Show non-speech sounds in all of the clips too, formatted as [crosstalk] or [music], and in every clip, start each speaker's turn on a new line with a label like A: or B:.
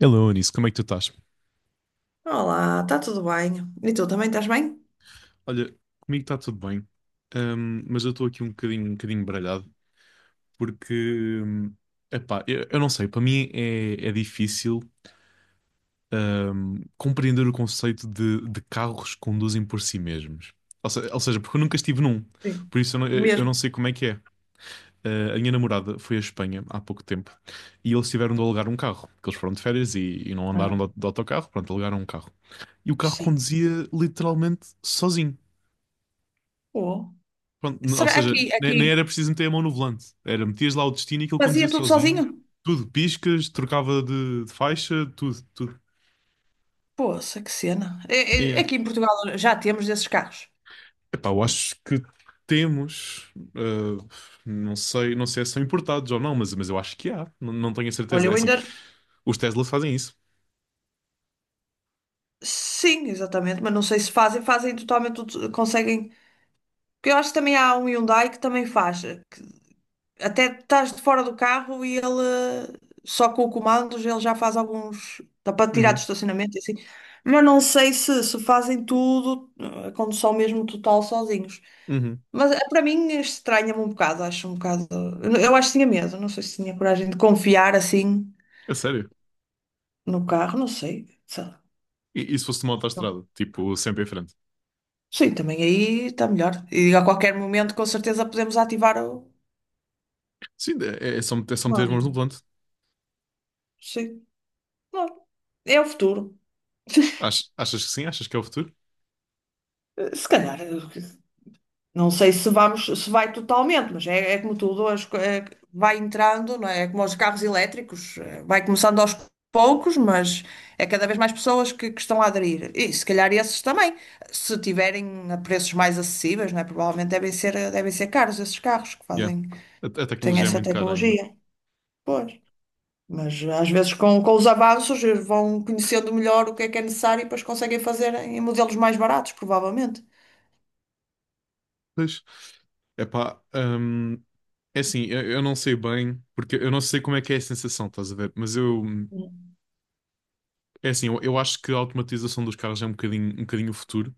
A: Hello, Anis, como é que tu estás?
B: Olá, está tudo bem? E tu também estás bem?
A: Olha, comigo está tudo bem, mas eu estou aqui um bocadinho baralhado, porque, hum, epá, eu não sei, para mim é difícil, compreender o conceito de carros que conduzem por si mesmos. Ou, ou seja, porque eu nunca estive num,
B: Sim.
A: por isso eu não
B: Mesmo.
A: sei como é que é. A minha namorada foi à Espanha há pouco tempo e eles tiveram de alugar um carro, porque eles foram de férias e não andaram
B: Ah,
A: de autocarro, pronto, alugaram um carro. E o carro
B: sim.
A: conduzia literalmente sozinho.
B: Pô,
A: Pronto, ou
B: será
A: seja,
B: aqui,
A: nem
B: aqui
A: era preciso meter a mão no volante. Era metias lá o destino e aquilo conduzia
B: fazia tudo
A: sozinho.
B: sozinho?
A: Tudo, piscas, trocava de faixa, tudo, tudo.
B: Poxa, que cena.
A: É.
B: Aqui em Portugal já temos desses carros.
A: Epá, eu acho que temos, não sei se são importados ou não, mas eu acho que há, não, não tenho a
B: Olha,
A: certeza. É
B: eu
A: assim,
B: ainda.
A: os Teslas fazem isso.
B: Sim, exatamente, mas não sei se fazem totalmente tudo, conseguem. Porque eu acho que também há um Hyundai que também faz. Até estás de fora do carro e ele, eh, só com o comando ele já faz alguns, dá para tirar do
A: Uhum,
B: estacionamento e assim. Mas não sei se, se fazem tudo, a condução mesmo total sozinhos.
A: uhum.
B: Mas para mim estranha-me um bocado, acho um bocado, eu acho que tinha medo, não sei se tinha coragem de confiar assim
A: É sério.
B: no carro, não sei, sei lá.
A: E se fosse uma autoestrada, tipo, sempre em frente.
B: Sim, também aí está melhor, e a qualquer momento com certeza podemos ativar o
A: Sim, é só, é só meter as
B: comando,
A: mãos
B: não
A: no
B: é?
A: volante.
B: Sim, claro. É o futuro.
A: Achas que sim? Achas que é o futuro?
B: Se calhar, não sei se vamos, se vai totalmente, mas é, é como tudo, é que vai entrando, não é? É como os carros elétricos, vai começando aos poucos, mas é cada vez mais pessoas que estão a aderir. E se calhar esses também, se tiverem a preços mais acessíveis, não é? Provavelmente devem ser caros esses carros que
A: Yeah.
B: fazem, que
A: A
B: têm
A: tecnologia é
B: essa
A: muito cara ainda.
B: tecnologia. Pois. Mas às vezes com os avanços, vão conhecendo melhor o que é necessário e depois conseguem fazer em modelos mais baratos, provavelmente.
A: Pois. Epá, é assim, eu não sei bem, porque eu não sei como é que é a sensação, estás a ver? Mas eu,
B: Hum.
A: é assim, eu acho que a automatização dos carros é um bocadinho o futuro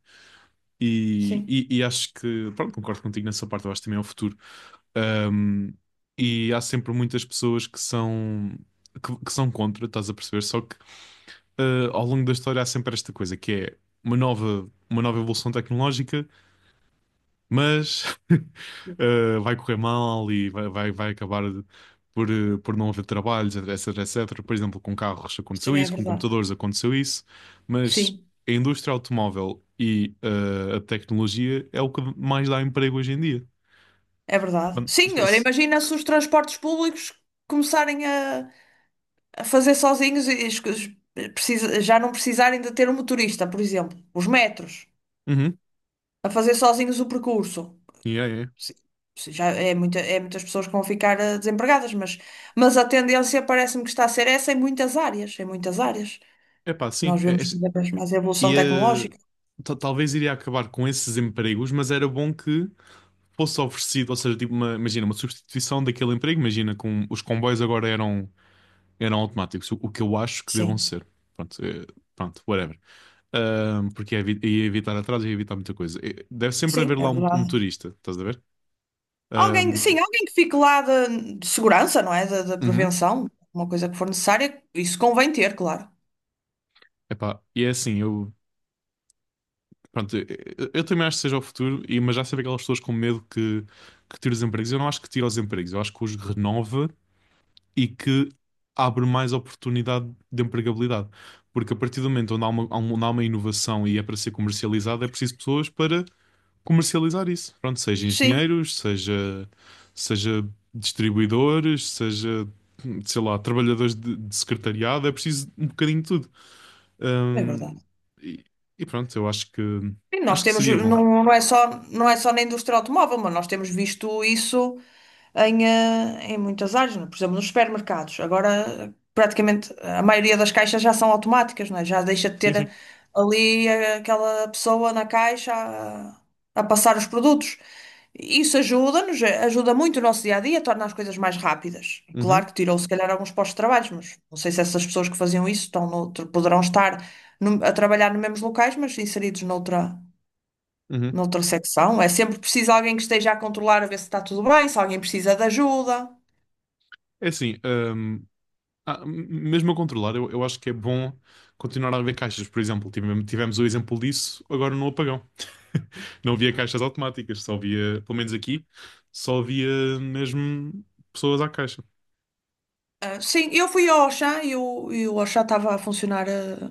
A: e,
B: Sim,
A: e, e acho que, pronto, concordo contigo nessa parte, eu acho que também é o futuro. Hum, e há sempre muitas pessoas que são, que são contra, estás a perceber? Só que ao longo da história há sempre esta coisa, que é uma nova evolução tecnológica, mas [laughs] vai correr mal e vai acabar por, por não haver trabalhos, etc, etc. Por exemplo, com carros
B: isso
A: aconteceu
B: também é
A: isso, com
B: verdade.
A: computadores aconteceu isso, mas
B: Sim.
A: a indústria automóvel e a tecnologia é o que mais dá emprego hoje em dia.
B: É verdade.
A: Mano, se-
B: Sim, olha,
A: se-
B: imagina se os transportes públicos começarem a fazer sozinhos e as coisas já não precisarem de ter um motorista, por exemplo. Os metros,
A: Uhum.
B: a fazer sozinhos o percurso.
A: Yeah, yeah.
B: Sim, sim, já é, muita, é muitas pessoas que vão ficar, desempregadas, mas a tendência parece-me que está a ser essa em muitas áreas, em muitas áreas.
A: Epá, sim.
B: Nós vemos cada vez mais a
A: E
B: evolução tecnológica.
A: talvez iria acabar com esses empregos, mas era bom que fosse oferecido, ou seja, tipo imagina, uma substituição daquele emprego. Imagina, com os comboios agora eram automáticos, o que eu acho que devam
B: Sim,
A: ser. Pronto, pronto whatever. Porque ia, ia evitar atrasos, ia evitar muita coisa. Deve sempre
B: sim,
A: haver
B: é
A: lá um
B: verdade.
A: motorista, estás a ver?
B: Alguém,
A: Ahm,
B: sim, alguém que fique lá de segurança, não é? Da
A: uhum.
B: prevenção, uma coisa que for necessária, isso convém ter, claro.
A: Epá, e é assim, eu, pronto, eu também acho que seja o futuro, e, mas já sabia aquelas pessoas com medo que, tira os empregos. Eu não acho que tira os empregos, eu acho que os renova e que abre mais oportunidade de empregabilidade. Porque a partir do momento onde há uma, onde há uma inovação e é para ser comercializada, é preciso pessoas para comercializar isso. Pronto, seja
B: Sim,
A: engenheiros, seja distribuidores, seja, sei lá, trabalhadores de secretariado, é preciso um bocadinho de tudo.
B: é
A: Hum,
B: verdade.
A: e, e pronto, eu acho que
B: Sim, nós
A: acho que
B: temos,
A: seria bom.
B: não, não é só, não é só na indústria automóvel, mas nós temos visto isso em, em muitas áreas, não é? Por exemplo, nos supermercados. Agora, praticamente, a maioria das caixas já são automáticas, não é? Já deixa de
A: Sim, sim.
B: ter ali, aquela pessoa na caixa a passar os produtos. Isso ajuda-nos, ajuda muito o nosso dia a dia, torna as coisas mais rápidas. Claro
A: Uhum,
B: que tirou, se calhar, alguns postos de trabalho, mas não sei se essas pessoas que faziam isso estão poderão estar a trabalhar nos mesmos locais, mas inseridos noutra.
A: uhum.
B: Na ultrassecção, é sempre preciso alguém que esteja a controlar, a ver se está tudo bem, se alguém precisa de ajuda.
A: É assim, ah, mesmo a controlar, eu acho que é bom continuar a haver caixas, por exemplo. Tivemos o exemplo disso agora no apagão. [laughs] Não havia caixas automáticas, só havia, pelo menos aqui, só havia mesmo pessoas à caixa,
B: Ah, sim, eu fui ao Auchan e o Auchan estava a funcionar, ah,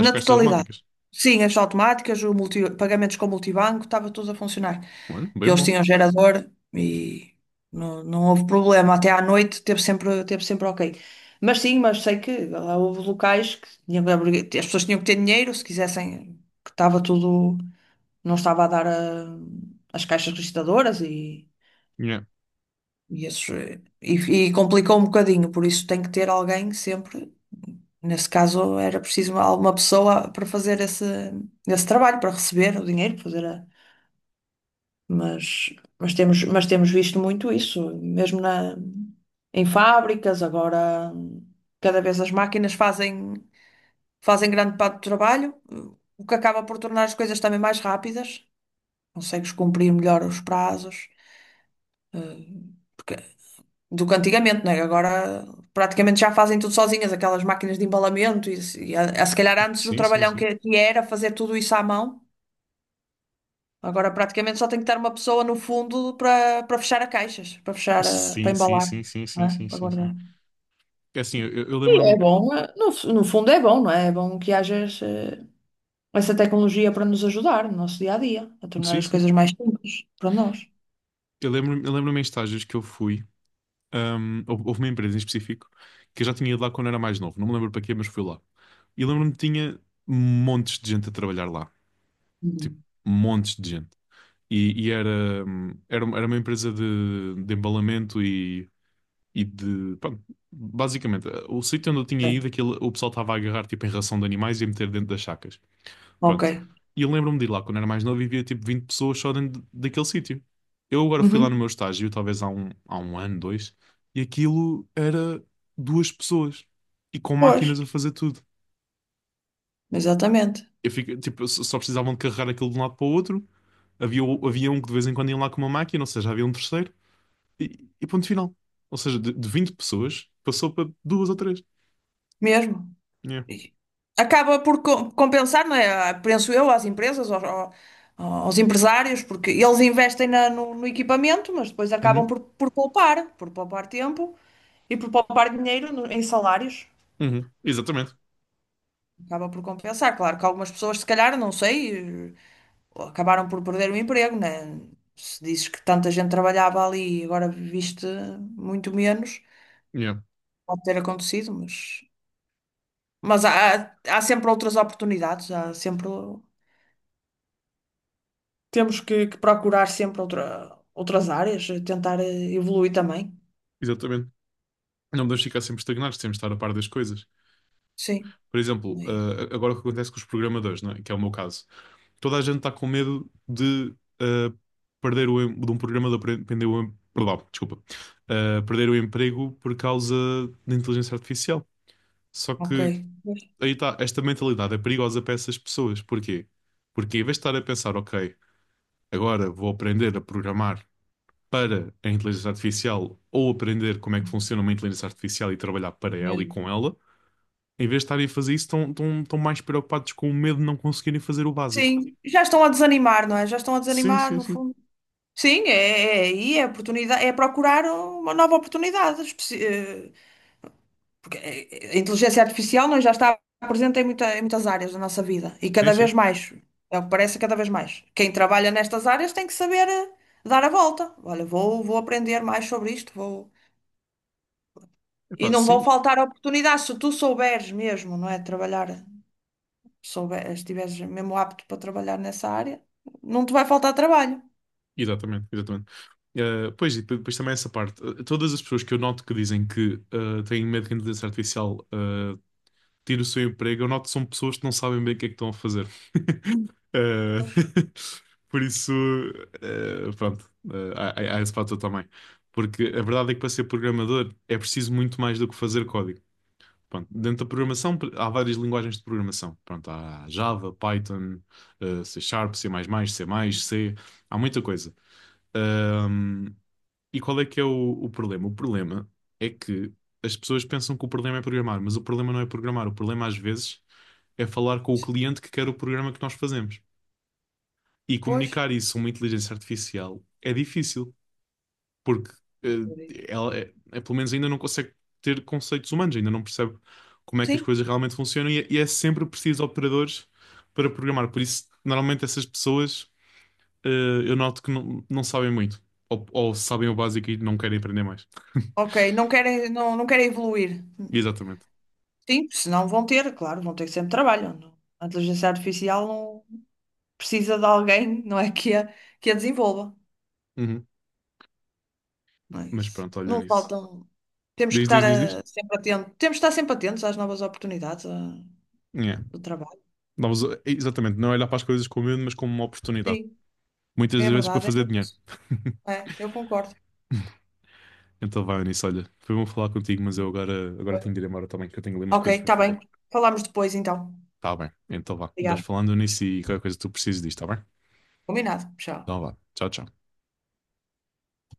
A: as
B: na
A: caixas
B: totalidade.
A: automáticas.
B: Sim, as automáticas, pagamentos com multibanco, estava tudo a funcionar.
A: Olha, bem
B: Eles
A: bom.
B: tinham gerador e não, não houve problema. Até à noite teve sempre OK. Mas sim, mas sei que lá houve locais que as pessoas tinham que ter dinheiro se quisessem, que estava tudo. Não estava a dar a- as caixas registadoras
A: Yeah.
B: e, esses, e complicou um bocadinho, por isso tem que ter alguém sempre. Nesse caso era preciso alguma pessoa para fazer esse, esse trabalho, para receber o dinheiro, mas, mas temos visto muito isso, mesmo na, em fábricas, agora cada vez as máquinas fazem, fazem grande parte do trabalho, o que acaba por tornar as coisas também mais rápidas, consegues cumprir melhor os prazos. Porque- do que antigamente, né? Agora praticamente já fazem tudo sozinhas, aquelas máquinas de embalamento, e, e a, se calhar antes o
A: Sim, sim,
B: trabalhão
A: sim.
B: que era fazer tudo isso à mão, agora praticamente só tem que estar uma pessoa no fundo para para fechar as caixas, para fechar, para
A: Sim, sim,
B: embalar,
A: sim, sim,
B: não
A: sim,
B: é?
A: sim,
B: Para
A: sim, sim.
B: guardar.
A: É assim, eu
B: E é
A: lembro-me.
B: bom, no, no fundo é bom, não é? É bom que haja essa tecnologia para nos ajudar no nosso dia a dia, a tornar
A: Sim,
B: as
A: sim.
B: coisas mais simples para nós.
A: Eu lembro-me em estágios que eu fui. Houve uma empresa em específico que eu já tinha ido lá quando era mais novo, não me lembro para quê, mas fui lá. E lembro-me que tinha montes de gente a trabalhar lá, tipo,
B: Uhum.
A: montes de gente. E era uma empresa de embalamento e basicamente, o sítio onde eu tinha
B: Certo.
A: ido, aquilo, o pessoal estava a agarrar tipo, em ração de animais e a meter dentro das sacas.
B: OK.
A: Pronto. E eu lembro-me de ir lá quando era mais novo e via tipo 20 pessoas só dentro daquele sítio. Eu agora fui lá no
B: Uhum.
A: meu estágio, talvez há um ano, dois, e aquilo era duas pessoas e com
B: Pois,
A: máquinas a fazer tudo.
B: exatamente.
A: Eu fico, tipo, só precisavam de carregar aquilo de um lado para o outro. Havia, havia um que de vez em quando ia lá com uma máquina, ou seja, havia um terceiro, e, e ponto final. Ou seja, de 20 pessoas passou para duas ou três.
B: Mesmo.
A: Yeah.
B: Compensar, não é? Ah, penso eu, às empresas, aos empresários, porque eles investem no, no equipamento, mas depois acabam
A: Uhum,
B: por poupar tempo e por poupar dinheiro em salários.
A: uhum. Exatamente.
B: Acaba por compensar. Claro que algumas pessoas, se calhar, não sei, acabaram por perder o emprego, né? Se dizes que tanta gente trabalhava ali e agora viste muito menos,
A: Yeah,
B: pode ter acontecido, mas há, há sempre outras oportunidades, há sempre. Temos que procurar sempre outra, outras áreas, tentar evoluir também.
A: exatamente. Não podemos ficar sempre estagnados, temos de estar a par das coisas.
B: Sim,
A: Por exemplo,
B: é isso.
A: agora o que acontece com os programadores, não é? Que é o meu caso. Toda a gente está com medo de eh, perdão, desculpa. Perder o emprego por causa da inteligência artificial. Só
B: OK.
A: que
B: Pois.
A: aí está, esta mentalidade é perigosa para essas pessoas. Porquê? Porque em vez de estar a pensar, ok, agora vou aprender a programar para a inteligência artificial ou aprender como é que funciona uma inteligência artificial e trabalhar para ela e
B: Mesmo.
A: com ela, em vez de estarem a fazer isso, estão mais preocupados com o medo de não conseguirem fazer o básico.
B: Sim, já estão a desanimar, não é? Já estão a
A: Sim,
B: desanimar,
A: sim,
B: no
A: sim.
B: fundo. Sim, é, é aí é a oportunidade, é procurar uma nova oportunidade. Porque a inteligência artificial, não é? Já está presente em, em muitas áreas da nossa vida e
A: Sim,
B: cada vez
A: sim.
B: mais. É o que parece cada vez mais. Quem trabalha nestas áreas tem que saber, dar a volta. Olha, vou, vou aprender mais sobre isto, vou. E
A: Epá,
B: não vão
A: sim,
B: faltar oportunidades se tu souberes mesmo, não é? Trabalhar, souber, estiveres mesmo apto para trabalhar nessa área, não te vai faltar trabalho.
A: exatamente, exatamente. Pois, e depois, também essa parte. Todas as pessoas que eu noto que dizem que têm medo que a inteligência artificial tire o seu emprego, eu noto que são pessoas que não sabem bem o que é que estão a fazer. [laughs] Eh,
B: Pois,
A: [laughs] por isso, pronto, há esse fator também. Porque a verdade é que para ser programador é preciso muito mais do que fazer código. Pronto, dentro da programação há várias linguagens de programação. Pronto, há
B: sim.
A: Java, Python, C Sharp, C++, C, há muita coisa. Ahm, e qual é que é o problema? O problema é que as pessoas pensam que o problema é programar, mas o problema não é programar. O problema às vezes é falar com o
B: Sim.
A: cliente que quer o programa que nós fazemos. E
B: Pois,
A: comunicar isso a uma inteligência artificial é difícil porque eh,
B: acredito.
A: ela, pelo menos ainda não consegue ter conceitos humanos, ainda não percebe como é que as
B: Sim.
A: coisas realmente funcionam e é sempre preciso de operadores para programar. Por isso, normalmente essas pessoas eh, eu noto que não sabem muito, ou sabem o básico e não querem aprender mais. [laughs]
B: OK, não querem, não, não querem evoluir.
A: Exatamente.
B: Sim, senão vão ter, claro, vão ter sempre trabalho. A inteligência artificial não precisa de alguém, não é, que a desenvolva.
A: Uhum.
B: Não é
A: Mas
B: isso.
A: pronto, olham
B: Não
A: nisso.
B: faltam. Temos que
A: Diz,
B: estar,
A: diz, diz, diz.
B: sempre atentos. Temos que estar sempre atentos às novas oportunidades,
A: Yeah.
B: do trabalho.
A: Não, mas, exatamente, não é olhar para as coisas com medo, mas como uma oportunidade.
B: Sim.
A: Muitas
B: É
A: vezes para
B: verdade, é
A: fazer
B: mesmo
A: dinheiro.
B: isso. É, eu concordo.
A: [laughs] Então vai, Eunice, olha, foi bom falar contigo, mas eu agora tenho de ir embora também, que eu tenho ali umas
B: OK,
A: coisas para
B: está
A: fazer.
B: bem. Falamos depois então.
A: Tá bem, então vá. Vais
B: Obrigada.
A: falando, Eunice, e qualquer coisa que tu precises disto, tá bem?
B: Combinado. Tchau.
A: Então vá, tchau, tchau.